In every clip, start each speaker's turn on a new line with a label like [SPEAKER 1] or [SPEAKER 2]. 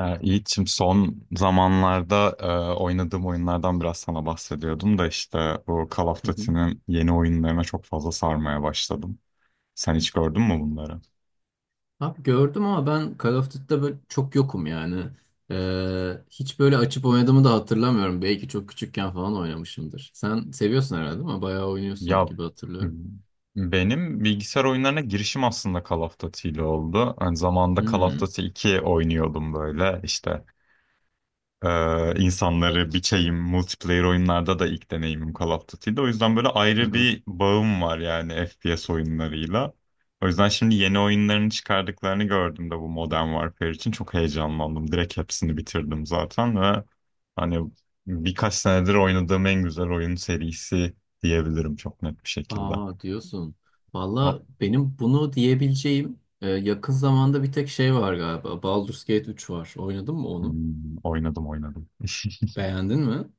[SPEAKER 1] Yiğit'ciğim son zamanlarda oynadığım oyunlardan biraz sana bahsediyordum da işte bu Call of
[SPEAKER 2] Hı hı.
[SPEAKER 1] Duty'nin yeni oyunlarına çok fazla sarmaya başladım. Sen hiç gördün mü bunları?
[SPEAKER 2] Abi gördüm ama ben Call of Duty'de böyle çok yokum yani. Hiç böyle açıp oynadığımı da hatırlamıyorum. Belki çok küçükken falan oynamışımdır. Sen seviyorsun herhalde ama bayağı oynuyorsun
[SPEAKER 1] Ya
[SPEAKER 2] gibi
[SPEAKER 1] m-
[SPEAKER 2] hatırlıyorum.
[SPEAKER 1] Benim bilgisayar oyunlarına girişim aslında Call of Duty ile oldu. Hani zamanında Call of Duty 2 oynuyordum böyle insanları biçeyim. Multiplayer oyunlarda da ilk deneyimim Call of Duty'de. O yüzden böyle ayrı
[SPEAKER 2] Hmm.
[SPEAKER 1] bir bağım var yani FPS oyunlarıyla. O yüzden şimdi yeni oyunların çıkardıklarını gördüm de bu Modern Warfare için çok heyecanlandım. Direkt hepsini bitirdim zaten ve hani birkaç senedir oynadığım en güzel oyun serisi diyebilirim çok net bir şekilde.
[SPEAKER 2] Aa, diyorsun. Valla benim bunu diyebileceğim yakın zamanda bir tek şey var galiba. Baldur's Gate üç var. Oynadın mı onu?
[SPEAKER 1] Hmm, oynadım oynadım.
[SPEAKER 2] Beğendin mi?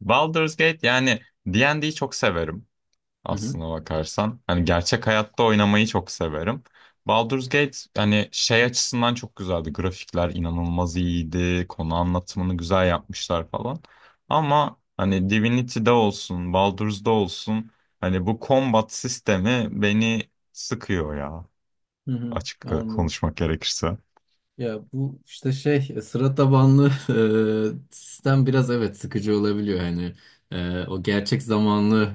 [SPEAKER 1] Baldur's Gate yani D&D'yi çok severim
[SPEAKER 2] Hı hı.
[SPEAKER 1] aslına bakarsan. Hani gerçek hayatta oynamayı çok severim. Baldur's Gate hani şey açısından çok güzeldi. Grafikler inanılmaz iyiydi. Konu anlatımını güzel yapmışlar falan. Ama hani Divinity'de olsun, Baldur's'da olsun hani bu combat sistemi beni sıkıyor ya.
[SPEAKER 2] Hı hı.
[SPEAKER 1] Açık
[SPEAKER 2] Anladım.
[SPEAKER 1] konuşmak gerekirse.
[SPEAKER 2] Ya bu işte şey, sıra tabanlı sistem biraz evet sıkıcı olabiliyor hani. O gerçek zamanlı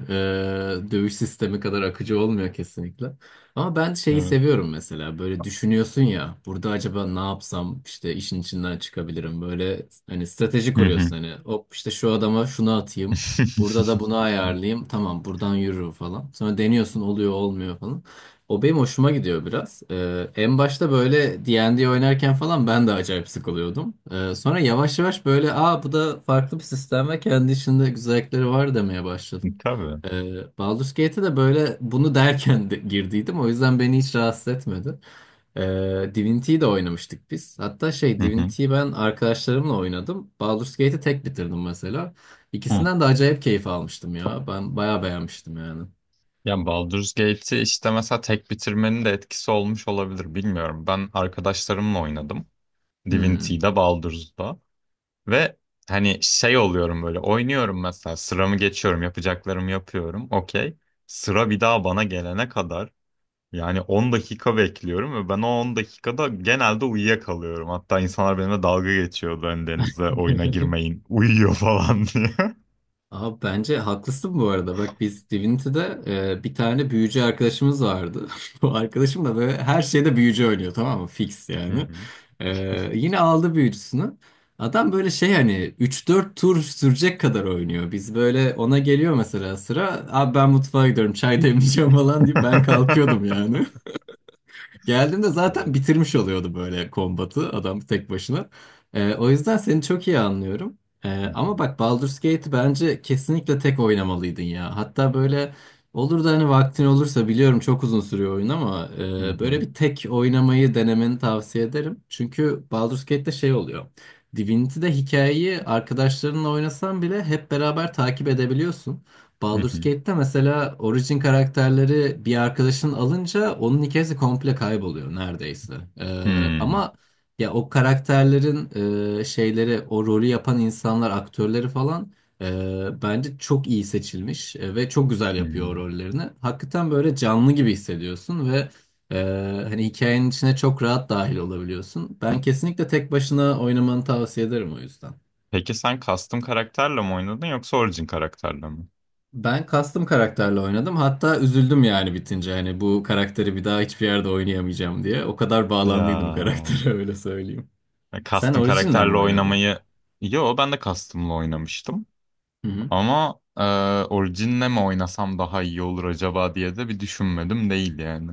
[SPEAKER 2] dövüş sistemi kadar akıcı olmuyor kesinlikle. Ama ben şeyi
[SPEAKER 1] Evet.
[SPEAKER 2] seviyorum, mesela böyle düşünüyorsun ya burada acaba ne yapsam işte işin içinden çıkabilirim, böyle hani strateji
[SPEAKER 1] Hı hı.
[SPEAKER 2] kuruyorsun, hani hop işte şu adama şunu atayım, burada da bunu ayarlayayım, tamam buradan yürürüm falan, sonra deniyorsun oluyor olmuyor falan. O benim hoşuma gidiyor biraz. En başta böyle D&D oynarken falan ben de acayip sıkılıyordum. Sonra yavaş yavaş böyle aa, bu da farklı bir sistem ve kendi içinde güzellikleri var demeye başladım.
[SPEAKER 1] Tabii.
[SPEAKER 2] Baldur's Gate'e de böyle bunu derken de girdiydim. O yüzden beni hiç rahatsız etmedi. Divinity'yi de oynamıştık biz. Hatta şey,
[SPEAKER 1] Hı hı.
[SPEAKER 2] Divinity'yi ben arkadaşlarımla oynadım. Baldur's Gate'i tek bitirdim mesela.
[SPEAKER 1] Hı.
[SPEAKER 2] İkisinden de acayip keyif almıştım ya. Ben bayağı beğenmiştim yani.
[SPEAKER 1] Ya Baldur's Gate'i işte mesela tek bitirmenin de etkisi olmuş olabilir bilmiyorum. Ben arkadaşlarımla oynadım.
[SPEAKER 2] Hmm.
[SPEAKER 1] Divinity'de, Baldur's'da. Ve hani şey oluyorum böyle oynuyorum mesela sıramı geçiyorum yapacaklarımı yapıyorum okey. Sıra bir daha bana gelene kadar yani 10 dakika bekliyorum ve ben o 10 dakikada genelde uyuyakalıyorum. Hatta insanlar benimle dalga geçiyordu hani Deniz'le oyuna girmeyin uyuyor falan diye.
[SPEAKER 2] Abi bence haklısın bu arada. Bak biz Divinity'de bir tane büyücü arkadaşımız vardı. Bu arkadaşım da böyle her şeyde büyücü oynuyor, tamam mı? Fix
[SPEAKER 1] Hı
[SPEAKER 2] yani.
[SPEAKER 1] hı.
[SPEAKER 2] E, Yine aldı büyücüsünü. Adam böyle şey hani üç dört tur sürecek kadar oynuyor. Biz böyle ona geliyor mesela sıra. Abi ben mutfağa gidiyorum çay demleyeceğim falan deyip ben kalkıyordum yani. Geldiğimde zaten
[SPEAKER 1] Evet.
[SPEAKER 2] bitirmiş oluyordu böyle kombatı adam tek başına. O yüzden seni çok iyi anlıyorum.
[SPEAKER 1] Hı hı.
[SPEAKER 2] Ama bak Baldur's Gate'i bence kesinlikle tek oynamalıydın ya. Hatta böyle olur da hani vaktin olursa, biliyorum çok uzun sürüyor oyun, ama
[SPEAKER 1] Hı hı.
[SPEAKER 2] böyle bir tek oynamayı denemeni tavsiye ederim. Çünkü Baldur's Gate'de şey oluyor. Divinity'de hikayeyi arkadaşlarınla oynasan bile hep beraber takip edebiliyorsun.
[SPEAKER 1] Hı
[SPEAKER 2] Baldur's
[SPEAKER 1] hı.
[SPEAKER 2] Gate'te mesela origin karakterleri bir arkadaşın alınca onun hikayesi komple kayboluyor neredeyse. Ee,
[SPEAKER 1] Hmm,
[SPEAKER 2] ama ya o karakterlerin şeyleri, o rolü yapan insanlar, aktörleri falan bence çok iyi seçilmiş ve çok güzel yapıyor o
[SPEAKER 1] hmm.
[SPEAKER 2] rollerini. Hakikaten böyle canlı gibi hissediyorsun ve e, hani hikayenin içine çok rahat dahil olabiliyorsun. Ben kesinlikle tek başına oynamanı tavsiye ederim o yüzden.
[SPEAKER 1] Peki sen custom karakterle mi oynadın yoksa origin karakterle mi?
[SPEAKER 2] Ben custom karakterle oynadım. Hatta üzüldüm yani bitince. Hani bu karakteri bir daha hiçbir yerde oynayamayacağım diye. O kadar
[SPEAKER 1] Ya
[SPEAKER 2] bağlandıydım karaktere öyle söyleyeyim. Sen
[SPEAKER 1] Custom
[SPEAKER 2] orijinle mi
[SPEAKER 1] karakterle
[SPEAKER 2] oynadın?
[SPEAKER 1] oynamayı, yo ben de custom'la oynamıştım
[SPEAKER 2] Hı hı.
[SPEAKER 1] ama orijinle mi oynasam daha iyi olur acaba diye de bir düşünmedim değil yani.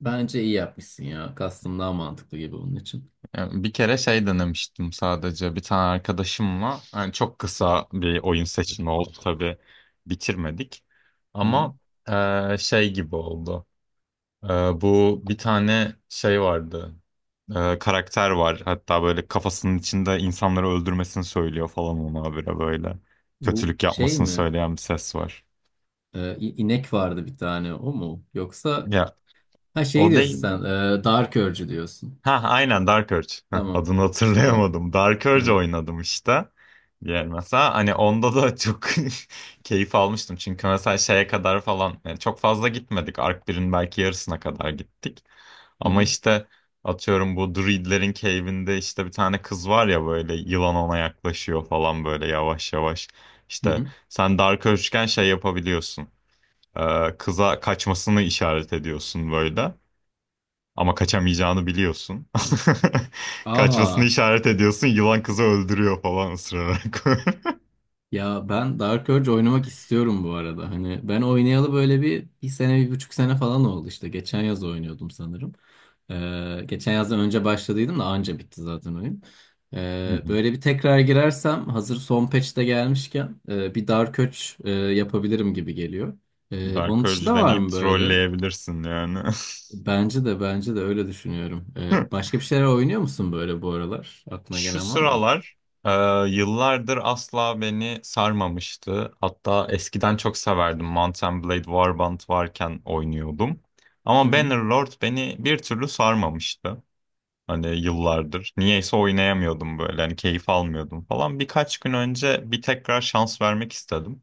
[SPEAKER 2] Bence iyi yapmışsın ya. Custom daha mantıklı gibi onun için.
[SPEAKER 1] Yani bir kere şey denemiştim sadece bir tane arkadaşımla yani çok kısa bir oyun seçimi oldu tabii, bitirmedik
[SPEAKER 2] Hı hı.
[SPEAKER 1] ama şey gibi oldu. Ee, Bu bir tane şey vardı. Karakter var. Hatta böyle kafasının içinde insanları öldürmesini söylüyor falan ona habire böyle.
[SPEAKER 2] Bu
[SPEAKER 1] Kötülük
[SPEAKER 2] şey
[SPEAKER 1] yapmasını
[SPEAKER 2] mi?
[SPEAKER 1] söyleyen bir ses var.
[SPEAKER 2] İnek vardı bir tane, o mu? Yoksa
[SPEAKER 1] Ya
[SPEAKER 2] ha, şey
[SPEAKER 1] o
[SPEAKER 2] diyorsun
[SPEAKER 1] değil.
[SPEAKER 2] sen. Dark Urge diyorsun.
[SPEAKER 1] Ha aynen Dark Urge. Heh,
[SPEAKER 2] Tamam.
[SPEAKER 1] adını
[SPEAKER 2] Tamam.
[SPEAKER 1] hatırlayamadım. Dark
[SPEAKER 2] Hı
[SPEAKER 1] Urge
[SPEAKER 2] hı.
[SPEAKER 1] oynadım işte. Diğer mesela hani onda da çok keyif almıştım. Çünkü mesela şeye kadar falan yani çok fazla gitmedik. Ark birin belki yarısına kadar gittik.
[SPEAKER 2] Hı
[SPEAKER 1] Ama
[SPEAKER 2] hı.
[SPEAKER 1] işte atıyorum bu druidlerin cave'inde işte bir tane kız var ya böyle yılan ona yaklaşıyor falan böyle yavaş yavaş.
[SPEAKER 2] Hı
[SPEAKER 1] İşte
[SPEAKER 2] hı.
[SPEAKER 1] sen Dark Urge'ken şey yapabiliyorsun. Kıza kaçmasını işaret ediyorsun böyle. Ama kaçamayacağını biliyorsun. Kaçmasını
[SPEAKER 2] Aa.
[SPEAKER 1] işaret ediyorsun. Yılan kızı öldürüyor falan ısırarak.
[SPEAKER 2] Ya ben Dark Urge oynamak istiyorum bu arada. Hani ben oynayalı böyle bir sene, bir buçuk sene falan oldu işte. Geçen yaz oynuyordum sanırım. Geçen yazdan önce başladıydım da anca bitti zaten oyun.
[SPEAKER 1] Hı hı.
[SPEAKER 2] Böyle bir tekrar girersem hazır son patch de gelmişken bir Dark Urge yapabilirim gibi geliyor.
[SPEAKER 1] Dark
[SPEAKER 2] Onun
[SPEAKER 1] Urge'ü
[SPEAKER 2] dışında var
[SPEAKER 1] deneyip
[SPEAKER 2] mı böyle?
[SPEAKER 1] trolleyebilirsin yani.
[SPEAKER 2] Bence de, bence de öyle düşünüyorum. Başka bir şeyler oynuyor musun böyle bu aralar? Aklına
[SPEAKER 1] Şu
[SPEAKER 2] gelen var mı?
[SPEAKER 1] sıralar e, yıllardır asla beni sarmamıştı. Hatta eskiden çok severdim. Mount and Blade Warband varken oynuyordum. Ama
[SPEAKER 2] Hı
[SPEAKER 1] Bannerlord beni bir türlü sarmamıştı. Hani yıllardır. Niyeyse oynayamıyordum böyle. Hani keyif almıyordum falan. Birkaç gün önce bir tekrar şans vermek istedim.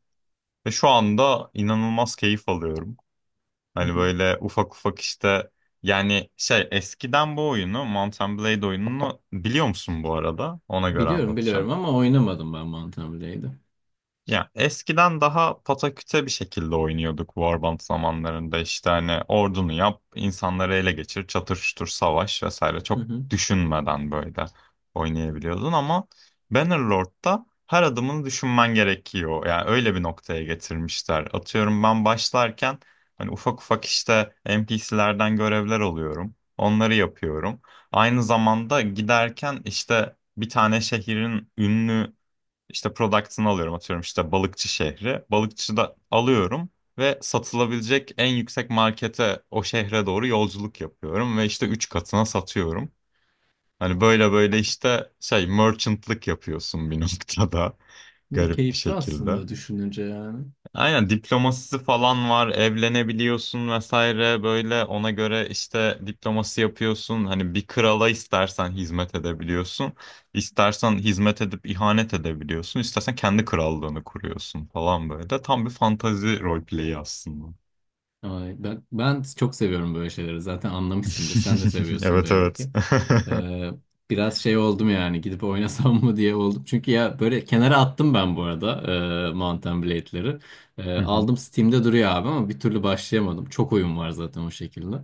[SPEAKER 1] Ve şu anda inanılmaz keyif alıyorum. Hani
[SPEAKER 2] hı.
[SPEAKER 1] böyle ufak ufak işte, yani şey eskiden bu oyunu Mountain Blade oyununu biliyor musun bu arada? Ona göre
[SPEAKER 2] Biliyorum, biliyorum
[SPEAKER 1] anlatacağım.
[SPEAKER 2] ama oynamadım ben Mountain Blade'i.
[SPEAKER 1] Ya eskiden daha pataküte bir şekilde oynuyorduk Warband zamanlarında işte hani ordunu yap, insanları ele geçir, çatıştır, savaş vesaire
[SPEAKER 2] Hı
[SPEAKER 1] çok
[SPEAKER 2] hı.
[SPEAKER 1] düşünmeden böyle oynayabiliyordun ama Bannerlord'da her adımını düşünmen gerekiyor. Yani öyle bir noktaya getirmişler. Atıyorum ben başlarken hani ufak ufak işte NPC'lerden görevler alıyorum. Onları yapıyorum. Aynı zamanda giderken işte bir tane şehrin ünlü işte product'ını alıyorum atıyorum işte balıkçı şehri. Balıkçı da alıyorum ve satılabilecek en yüksek markete o şehre doğru yolculuk yapıyorum ve işte üç katına satıyorum. Hani böyle böyle işte şey merchant'lık yapıyorsun bir noktada
[SPEAKER 2] Bu
[SPEAKER 1] garip bir
[SPEAKER 2] keyifli
[SPEAKER 1] şekilde.
[SPEAKER 2] aslında düşününce yani.
[SPEAKER 1] Aynen diplomasisi falan var, evlenebiliyorsun vesaire böyle ona göre işte diplomasi yapıyorsun. Hani bir krala istersen hizmet edebiliyorsun, istersen hizmet edip ihanet edebiliyorsun, istersen kendi krallığını kuruyorsun falan böyle. Tam bir fantazi roleplay'i aslında.
[SPEAKER 2] Ay, ben çok seviyorum böyle şeyleri. Zaten anlamışsındır. Sen de seviyorsun
[SPEAKER 1] Evet
[SPEAKER 2] belli
[SPEAKER 1] evet.
[SPEAKER 2] ki. Ee, Biraz şey oldum yani gidip oynasam mı diye oldum. Çünkü ya böyle kenara attım ben bu arada Mountain Blade'leri.
[SPEAKER 1] Hı hı.
[SPEAKER 2] Aldım, Steam'de duruyor abi ama bir türlü başlayamadım. Çok oyun var zaten o şekilde.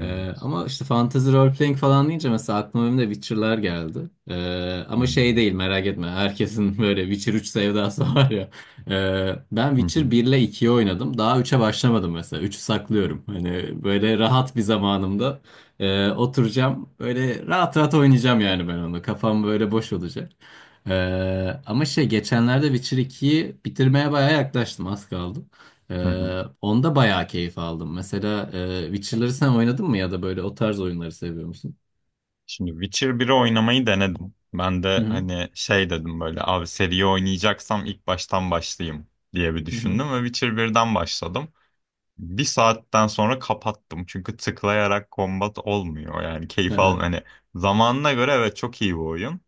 [SPEAKER 1] Evet.
[SPEAKER 2] Ama işte fantasy role playing falan deyince mesela aklıma benim de Witcher'lar geldi. Ama şey
[SPEAKER 1] Hmm.
[SPEAKER 2] değil, merak etme. Herkesin böyle Witcher üç sevdası var ya. Ben
[SPEAKER 1] Hı hı.
[SPEAKER 2] Witcher 1 ile 2'yi oynadım. Daha üçe başlamadım mesela. 3'ü saklıyorum. Hani böyle rahat bir zamanımda oturacağım. Böyle rahat rahat oynayacağım yani ben onu. Kafam böyle boş olacak. Ama şey geçenlerde Witcher ikiyi bitirmeye bayağı yaklaştım. Az kaldı.
[SPEAKER 1] Hı hı.
[SPEAKER 2] Onda bayağı keyif aldım. Mesela Witcher'ları sen oynadın mı ya da böyle o tarz oyunları seviyor musun?
[SPEAKER 1] Şimdi Witcher biri oynamayı denedim. Ben
[SPEAKER 2] Hı
[SPEAKER 1] de
[SPEAKER 2] hı.
[SPEAKER 1] hani şey dedim böyle abi seriyi oynayacaksam ilk baştan başlayayım diye bir
[SPEAKER 2] Hı hı.
[SPEAKER 1] düşündüm ve Witcher birden başladım. Bir saatten sonra kapattım çünkü tıklayarak kombat olmuyor yani keyif al
[SPEAKER 2] Aha.
[SPEAKER 1] hani, zamanına göre evet çok iyi bir oyun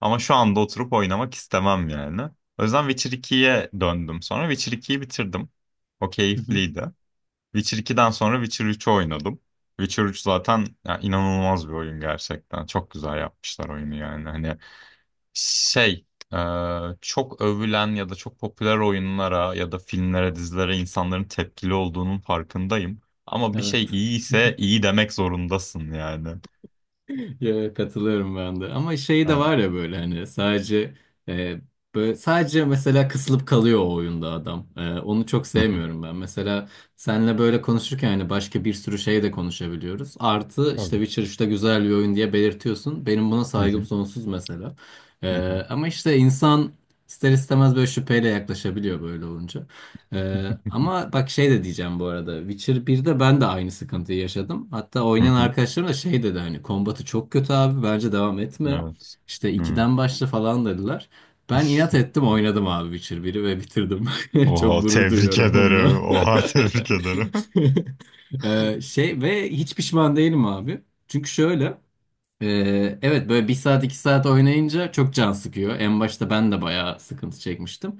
[SPEAKER 1] ama şu anda oturup oynamak istemem yani. O yüzden Witcher ikiye döndüm sonra Witcher ikiyi bitirdim. O
[SPEAKER 2] Hı hı.
[SPEAKER 1] keyifliydi. Witcher 2'den sonra Witcher 3'ü oynadım. Witcher 3 zaten ya, inanılmaz bir oyun gerçekten. Çok güzel yapmışlar oyunu yani. Hani şey e, çok övülen ya da çok popüler oyunlara ya da filmlere, dizilere insanların tepkili olduğunun farkındayım. Ama bir şey
[SPEAKER 2] Evet.
[SPEAKER 1] iyi ise iyi demek zorundasın yani.
[SPEAKER 2] Ya, katılıyorum ben de. Ama şey de
[SPEAKER 1] Yani.
[SPEAKER 2] var ya, böyle hani sadece e, böyle sadece mesela kısılıp kalıyor o oyunda adam. E, onu çok
[SPEAKER 1] Hı hı.
[SPEAKER 2] sevmiyorum ben. Mesela seninle böyle konuşurken hani başka bir sürü şey de konuşabiliyoruz. Artı işte
[SPEAKER 1] Tabii.
[SPEAKER 2] Witcher 3'te güzel bir oyun diye belirtiyorsun. Benim buna
[SPEAKER 1] Hı
[SPEAKER 2] saygım
[SPEAKER 1] hı.
[SPEAKER 2] sonsuz mesela. E,
[SPEAKER 1] Hı hı.
[SPEAKER 2] Ama işte insan ister istemez böyle şüpheyle yaklaşabiliyor böyle olunca. Ama bak şey de diyeceğim bu arada. Witcher 1'de ben de aynı sıkıntıyı yaşadım. Hatta
[SPEAKER 1] Hı
[SPEAKER 2] oynayan
[SPEAKER 1] hı.
[SPEAKER 2] arkadaşlarım da şey dedi hani kombatı çok kötü abi, bence devam etme.
[SPEAKER 1] Evet.
[SPEAKER 2] İşte
[SPEAKER 1] Hı.
[SPEAKER 2] ikiden başla falan dediler. Ben inat ettim, oynadım abi Witcher biri ve bitirdim. Çok
[SPEAKER 1] Oha
[SPEAKER 2] gurur
[SPEAKER 1] tebrik
[SPEAKER 2] duyuyorum bununla.
[SPEAKER 1] ederim. Oha tebrik ederim.
[SPEAKER 2] Şey ve hiç pişman değilim abi. Çünkü şöyle, evet böyle bir saat iki saat oynayınca çok can sıkıyor. En başta ben de bayağı sıkıntı çekmiştim.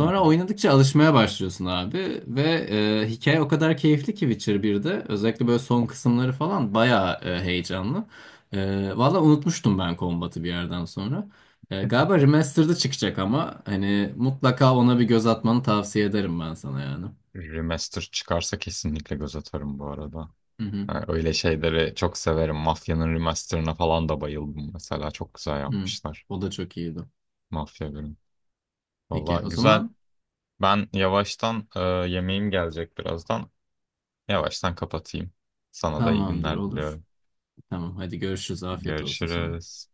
[SPEAKER 1] Hı hı.
[SPEAKER 2] oynadıkça alışmaya başlıyorsun abi ve hikaye o kadar keyifli ki Witcher 1'de özellikle böyle son kısımları falan bayağı heyecanlı. Valla unutmuştum ben kombatı bir yerden sonra. Galiba remastered'ı çıkacak ama hani mutlaka ona bir göz atmanı tavsiye ederim ben sana yani.
[SPEAKER 1] Remaster çıkarsa kesinlikle göz atarım bu arada.
[SPEAKER 2] Hı hı,
[SPEAKER 1] Ha, öyle şeyleri çok severim. Mafya'nın remasterına falan da bayıldım mesela. Çok güzel
[SPEAKER 2] hı.
[SPEAKER 1] yapmışlar
[SPEAKER 2] O da çok iyiydi.
[SPEAKER 1] Mafya 1'in. Valla
[SPEAKER 2] Peki o
[SPEAKER 1] güzel.
[SPEAKER 2] zaman
[SPEAKER 1] Ben yavaştan yemeğim gelecek birazdan. Yavaştan kapatayım. Sana da iyi
[SPEAKER 2] tamamdır,
[SPEAKER 1] günler
[SPEAKER 2] olur.
[SPEAKER 1] diliyorum.
[SPEAKER 2] Tamam, hadi görüşürüz. Afiyet olsun sana.
[SPEAKER 1] Görüşürüz.